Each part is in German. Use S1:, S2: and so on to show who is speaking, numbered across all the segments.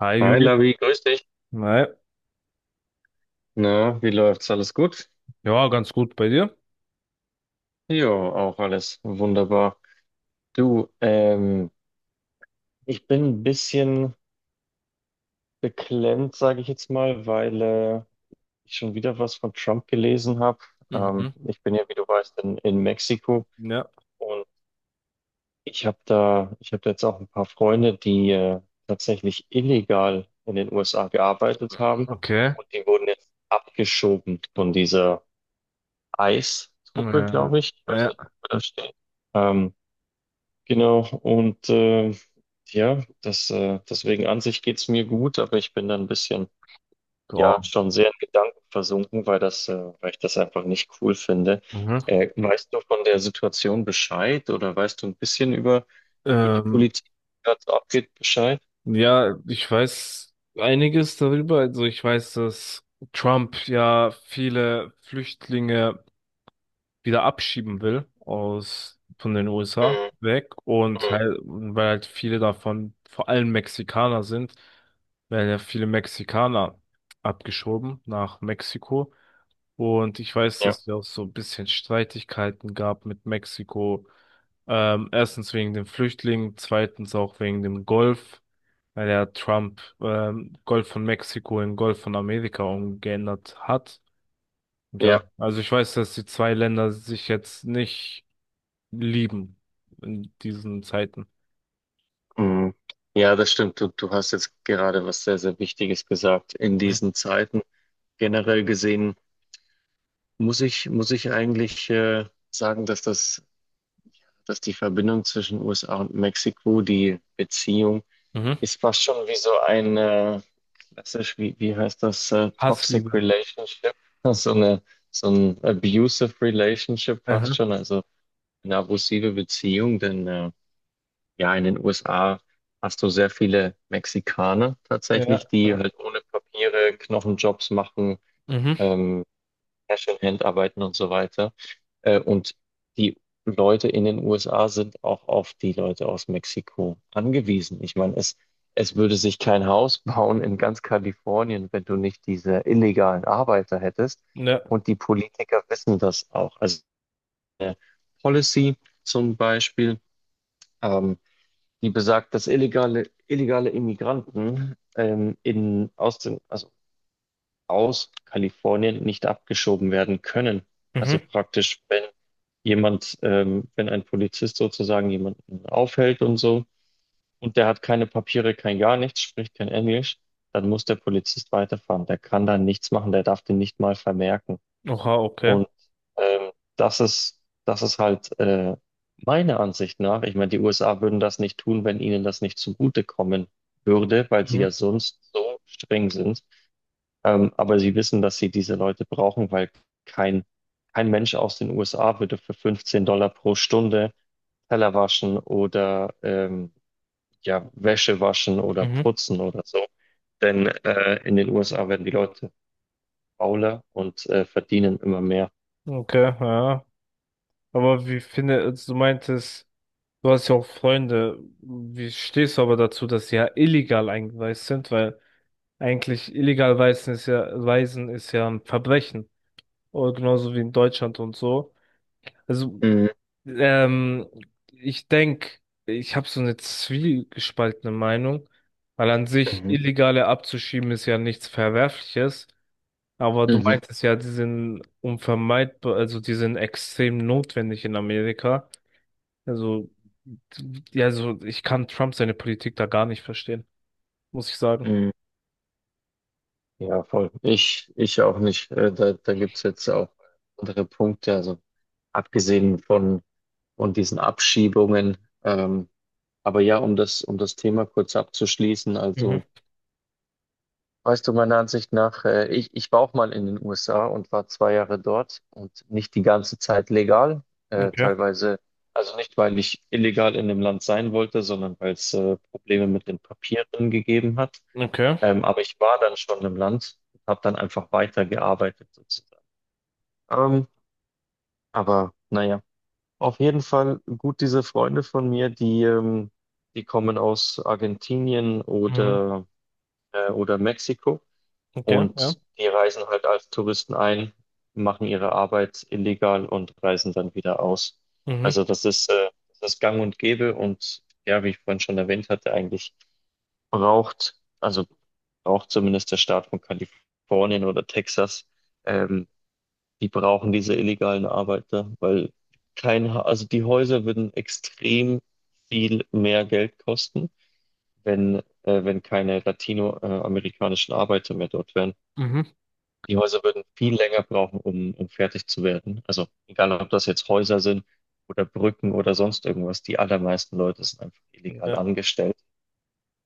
S1: Hi
S2: Hi
S1: Julian.
S2: Lavi, grüß dich.
S1: Nein.
S2: Na, wie läuft's? Alles gut?
S1: Ja, ganz gut bei dir.
S2: Jo, auch alles wunderbar. Du, ich bin ein bisschen beklemmt, sage ich jetzt mal, weil ich schon wieder was von Trump gelesen habe.
S1: Mhm.
S2: Ich bin ja, wie du weißt, in Mexiko,
S1: Ja.
S2: und ich habe jetzt auch ein paar Freunde, die tatsächlich illegal in den USA gearbeitet haben,
S1: Okay.
S2: und die wurden jetzt abgeschoben von dieser ICE-Truppe,
S1: Ja,
S2: glaube ich. Ich weiß nicht,
S1: ja.
S2: wofür das steht. Ähm, Genau. Und ja, deswegen an sich geht's mir gut, aber ich bin da ein bisschen,
S1: Ja.
S2: ja, schon sehr in Gedanken versunken, weil weil ich das einfach nicht cool finde.
S1: Mhm.
S2: Weißt du von der Situation Bescheid, oder weißt du ein bisschen über, die
S1: Ähm,
S2: Politik, die gerade so abgeht, Bescheid?
S1: ja, Ich weiß einiges darüber. Also ich weiß, dass Trump ja viele Flüchtlinge wieder abschieben will aus von den USA
S2: Mhm,
S1: weg, und
S2: mhm,
S1: halt, weil halt viele davon vor allem Mexikaner sind, werden ja viele Mexikaner abgeschoben nach Mexiko. Und ich weiß,
S2: ja,
S1: dass es ja auch so ein bisschen Streitigkeiten gab mit Mexiko. Erstens wegen den Flüchtlingen, zweitens auch wegen dem Golf, weil ja Trump Golf von Mexiko in Golf von Amerika umgeändert hat. Und ja,
S2: ja,
S1: also ich weiß, dass die zwei Länder sich jetzt nicht lieben in diesen Zeiten.
S2: mhm. Ja, das stimmt. Du hast jetzt gerade was sehr, sehr Wichtiges gesagt. In
S1: Mhm.
S2: diesen Zeiten generell gesehen muss ich, eigentlich sagen, dass die Verbindung zwischen USA und Mexiko, die Beziehung,
S1: Mhm.
S2: ist fast schon wie so ein klassisch, wie heißt das, Toxic
S1: Hassliebe.
S2: Relationship, so eine, so ein Abusive Relationship fast
S1: Aha.
S2: schon, also eine abusive Beziehung, denn ja, in den USA hast du sehr viele Mexikaner
S1: Ja,
S2: tatsächlich, die
S1: ja.
S2: halt ohne Papiere Knochenjobs machen,
S1: Mhm.
S2: ähm, Herstellerhand arbeiten und so weiter. Und die Leute in den USA sind auch auf die Leute aus Mexiko angewiesen. Ich meine, es würde sich kein Haus bauen in ganz Kalifornien, wenn du nicht diese illegalen Arbeiter hättest.
S1: Ja.
S2: Und die Politiker wissen das auch. Also eine Policy zum Beispiel, ähm, die besagt, dass illegale Immigranten in, aus den, also aus Kalifornien nicht abgeschoben werden können. Also
S1: Mhm.
S2: praktisch, wenn ein Polizist sozusagen jemanden aufhält und so, und der hat keine Papiere, kein gar nichts, spricht kein Englisch, dann muss der Polizist weiterfahren. Der kann da nichts machen, der darf den nicht mal vermerken.
S1: Oha, okay.
S2: Und das ist, halt meiner Ansicht nach, ich meine, die USA würden das nicht tun, wenn ihnen das nicht zugutekommen würde, weil sie
S1: Mhm.
S2: ja sonst so streng sind, aber sie wissen, dass sie diese Leute brauchen, weil kein, kein Mensch aus den USA würde für $15 pro Stunde Teller waschen oder ja, Wäsche waschen oder
S1: Mhm.
S2: putzen oder so. Denn in den USA werden die Leute fauler und verdienen immer mehr.
S1: Okay, ja. Aber wie finde, also du meintest, du hast ja auch Freunde. Wie stehst du aber dazu, dass sie ja illegal eingereist sind? Weil eigentlich illegal reisen ist ja ein Verbrechen. Oder genauso wie in Deutschland und so. Also,
S2: Mhm,
S1: ähm, ich denke, ich habe so eine zwiegespaltene Meinung, weil an sich
S2: mhm,
S1: Illegale abzuschieben ist ja nichts Verwerfliches. Aber du
S2: mhm,
S1: meintest ja, die sind unvermeidbar, also die sind extrem notwendig in Amerika. Also, ja, also ich kann Trump seine Politik da gar nicht verstehen, muss ich sagen.
S2: mhm. Ja, voll. ich, auch nicht. Da gibt's jetzt auch andere Punkte. Also abgesehen von, diesen Abschiebungen. Ähm, Aber ja, um das Thema kurz abzuschließen, also
S1: Mhm.
S2: weißt du, meiner Ansicht nach, ich war auch mal in den USA und war 2 Jahre dort und nicht die ganze Zeit legal,
S1: Okay.
S2: teilweise, also nicht, weil ich illegal in dem Land sein wollte, sondern weil es Probleme mit den Papieren gegeben hat.
S1: Okay.
S2: Aber ich war dann schon im Land und habe dann einfach weitergearbeitet sozusagen. Ähm, aber naja, auf jeden Fall gut, diese Freunde von mir, die kommen aus Argentinien
S1: Mhm.
S2: oder Mexiko.
S1: Okay, ja.
S2: Und die reisen halt als Touristen ein, machen ihre Arbeit illegal und reisen dann wieder aus.
S1: Mhm.
S2: Also das ist gang und gäbe, und ja, wie ich vorhin schon erwähnt hatte, eigentlich braucht, also braucht zumindest der Staat von Kalifornien oder Texas, ähm, die brauchen diese illegalen Arbeiter, weil kein, Ha- also die Häuser würden extrem viel mehr Geld kosten, wenn keine latinoamerikanischen Arbeiter mehr dort wären.
S1: Mhm.
S2: Die Häuser würden viel länger brauchen, um fertig zu werden. Also egal, ob das jetzt Häuser sind oder Brücken oder sonst irgendwas, die allermeisten Leute sind einfach illegal
S1: Ja,
S2: angestellt.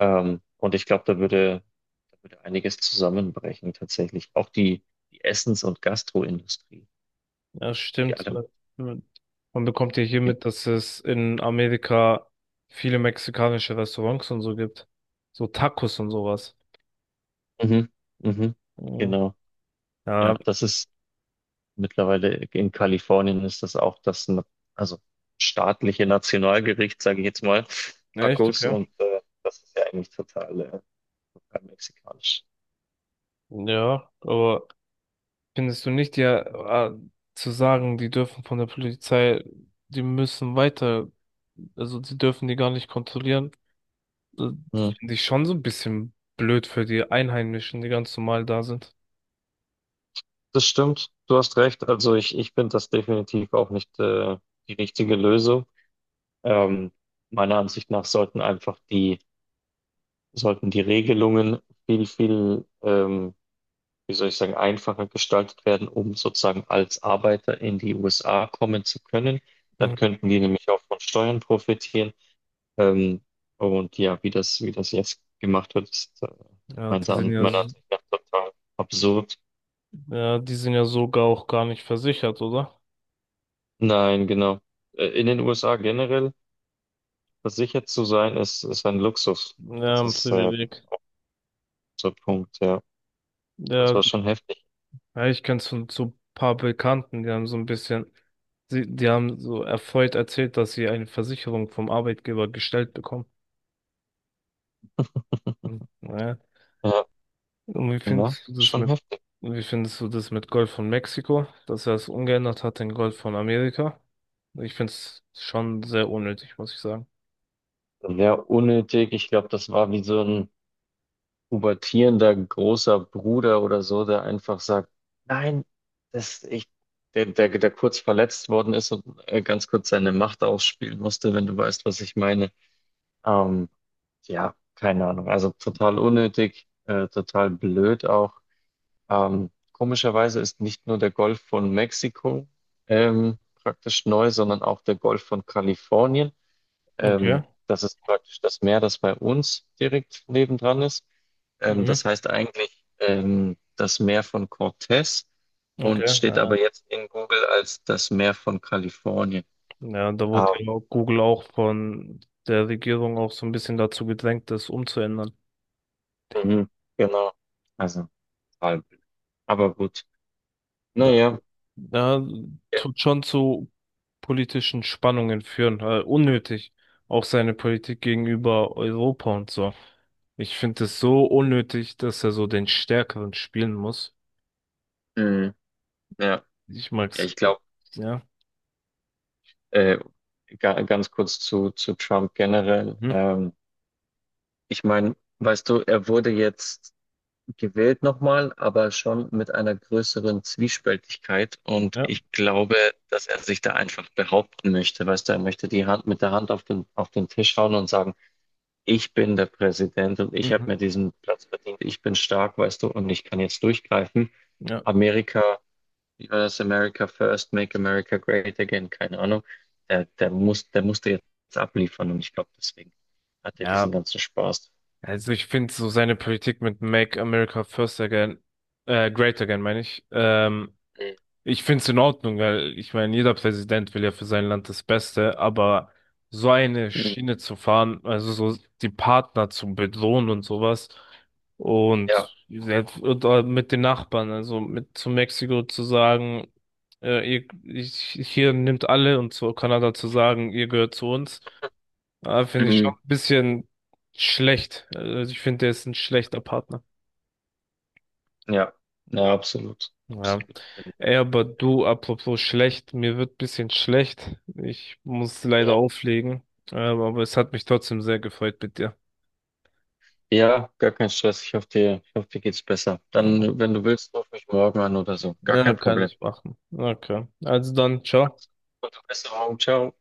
S2: Und ich glaube, da würde, einiges zusammenbrechen tatsächlich. Auch die Essens- und Gastroindustrie,
S1: ja,
S2: die
S1: stimmt.
S2: alle.
S1: Man bekommt ja hier mit, dass es in Amerika viele mexikanische Restaurants und so gibt. So Tacos und sowas.
S2: Mhm, mhm,
S1: Mhm.
S2: genau. Ja,
S1: Ja,
S2: das ist. Mittlerweile in Kalifornien ist das auch das, also staatliche Nationalgericht, sage ich jetzt mal,
S1: echt,
S2: Tacos, und
S1: okay.
S2: das ist ja eigentlich total, total mexikanisch.
S1: Ja, aber findest du nicht, ja, äh, zu sagen, die dürfen von der Polizei, die müssen weiter, also die dürfen die gar nicht kontrollieren, äh,
S2: Hm.
S1: finde ich schon so ein bisschen blöd für die Einheimischen, die ganz normal da sind.
S2: Das stimmt, du hast recht. Also ich finde das definitiv auch nicht die richtige Lösung. Ähm, Meiner Ansicht nach sollten einfach die Regelungen viel, viel wie soll ich sagen, einfacher gestaltet werden, um sozusagen als Arbeiter in die USA kommen zu können. Dann
S1: Mhm.
S2: könnten die nämlich auch von Steuern profitieren. Ähm, und ja, wie das, jetzt gemacht wird, ist
S1: Ja,
S2: meiner
S1: die sind
S2: An-
S1: ja,
S2: meiner
S1: s-
S2: Ansicht nach total absurd.
S1: ja, die sind ja sogar auch gar nicht versichert, oder?
S2: Nein, genau. In den USA generell versichert zu sein, ist ein Luxus.
S1: Ja,
S2: Das
S1: ein
S2: ist
S1: Privileg.
S2: so ein Punkt, ja. Das
S1: Ja,
S2: war schon heftig.
S1: ja, ich kenne so, so ein paar Bekannten, die haben so ein bisschen, die haben so erfreut erzählt, dass sie eine Versicherung vom Arbeitgeber gestellt bekommen. Mhm. Ja.
S2: Ja,
S1: Und wie
S2: ja,
S1: findest du das
S2: schon
S1: mit,
S2: heftig.
S1: Wie findest du das mit Golf von Mexiko, dass er es umgeändert hat in Golf von Amerika? Ich finde es schon sehr unnötig, muss ich sagen.
S2: Sehr unnötig. Ich glaube, das war wie so ein pubertierender großer Bruder oder so, der einfach sagt, nein, das ich, der, der, der kurz verletzt worden ist und ganz kurz seine Macht ausspielen musste, wenn du weißt, was ich meine. Ähm, ja, keine Ahnung. Also total unnötig, total blöd auch. Komischerweise ist nicht nur der Golf von Mexiko ähm, praktisch neu, sondern auch der Golf von Kalifornien.
S1: Okay.
S2: Das ist praktisch das Meer, das bei uns direkt nebendran ist.
S1: Mhm.
S2: Das heißt eigentlich das Meer von Cortez und
S1: Okay.
S2: steht
S1: Ja,
S2: aber jetzt in Google als das Meer von Kalifornien.
S1: ja, da wurde
S2: Ah,
S1: ja auch Google auch von der Regierung auch so ein bisschen dazu gedrängt, das umzuändern.
S2: mhm, genau. Also halb. Aber gut. Naja.
S1: Ja, tut schon zu politischen Spannungen führen, unnötig. Auch seine Politik gegenüber Europa und so. Ich finde es so unnötig, dass er so den Stärkeren spielen muss.
S2: Mhm, ja,
S1: Ich
S2: ja,
S1: mag's.
S2: ich glaube,
S1: Ja.
S2: äh, ganz kurz zu, Trump generell.
S1: Mhm.
S2: Ich meine, weißt du, er wurde jetzt gewählt nochmal, aber schon mit einer größeren Zwiespältigkeit. Und
S1: Ja.
S2: ich glaube, dass er sich da einfach behaupten möchte. Weißt du, er möchte die Hand mit der Hand auf den Tisch hauen und sagen, ich bin der Präsident und ich habe
S1: Mhm.
S2: mir diesen Platz verdient. Ich bin stark, weißt du, und ich kann jetzt durchgreifen.
S1: Ja.
S2: Amerika, wie war das? America first, make America great again, keine Ahnung. Der musste jetzt abliefern, und ich glaube, deswegen hat er
S1: Ja.
S2: diesen ganzen Spaß.
S1: Also ich finde so seine Politik mit Make America First Again, Great Again, meine ich. Ich finde es in Ordnung, weil ich meine, jeder Präsident will ja für sein Land das Beste, aber so eine
S2: Mhm.
S1: Schiene zu fahren, also so die Partner zu bedrohen und sowas,
S2: Ja.
S1: und oder mit den Nachbarn, also mit zu Mexiko zu sagen, ihr, ich, hier nimmt alle, und zu Kanada zu sagen, ihr gehört zu uns, finde ich schon
S2: Mhm.
S1: ein bisschen schlecht. Also ich finde, der ist ein schlechter Partner.
S2: Ja, ja, absolut.
S1: Ja.
S2: Absolut.
S1: Ey, aber du, apropos schlecht, mir wird ein bisschen schlecht. Ich muss leider
S2: Ja,
S1: auflegen. Aber es hat mich trotzdem sehr gefreut mit dir.
S2: Ja, gar kein Stress. Ich hoffe, dir geht's besser. Dann, wenn du willst, ruf mich morgen an oder so. Gar
S1: Na,
S2: kein
S1: kann
S2: Problem.
S1: ich machen. Okay. Also dann, ciao.
S2: Gute Besserung. Ciao.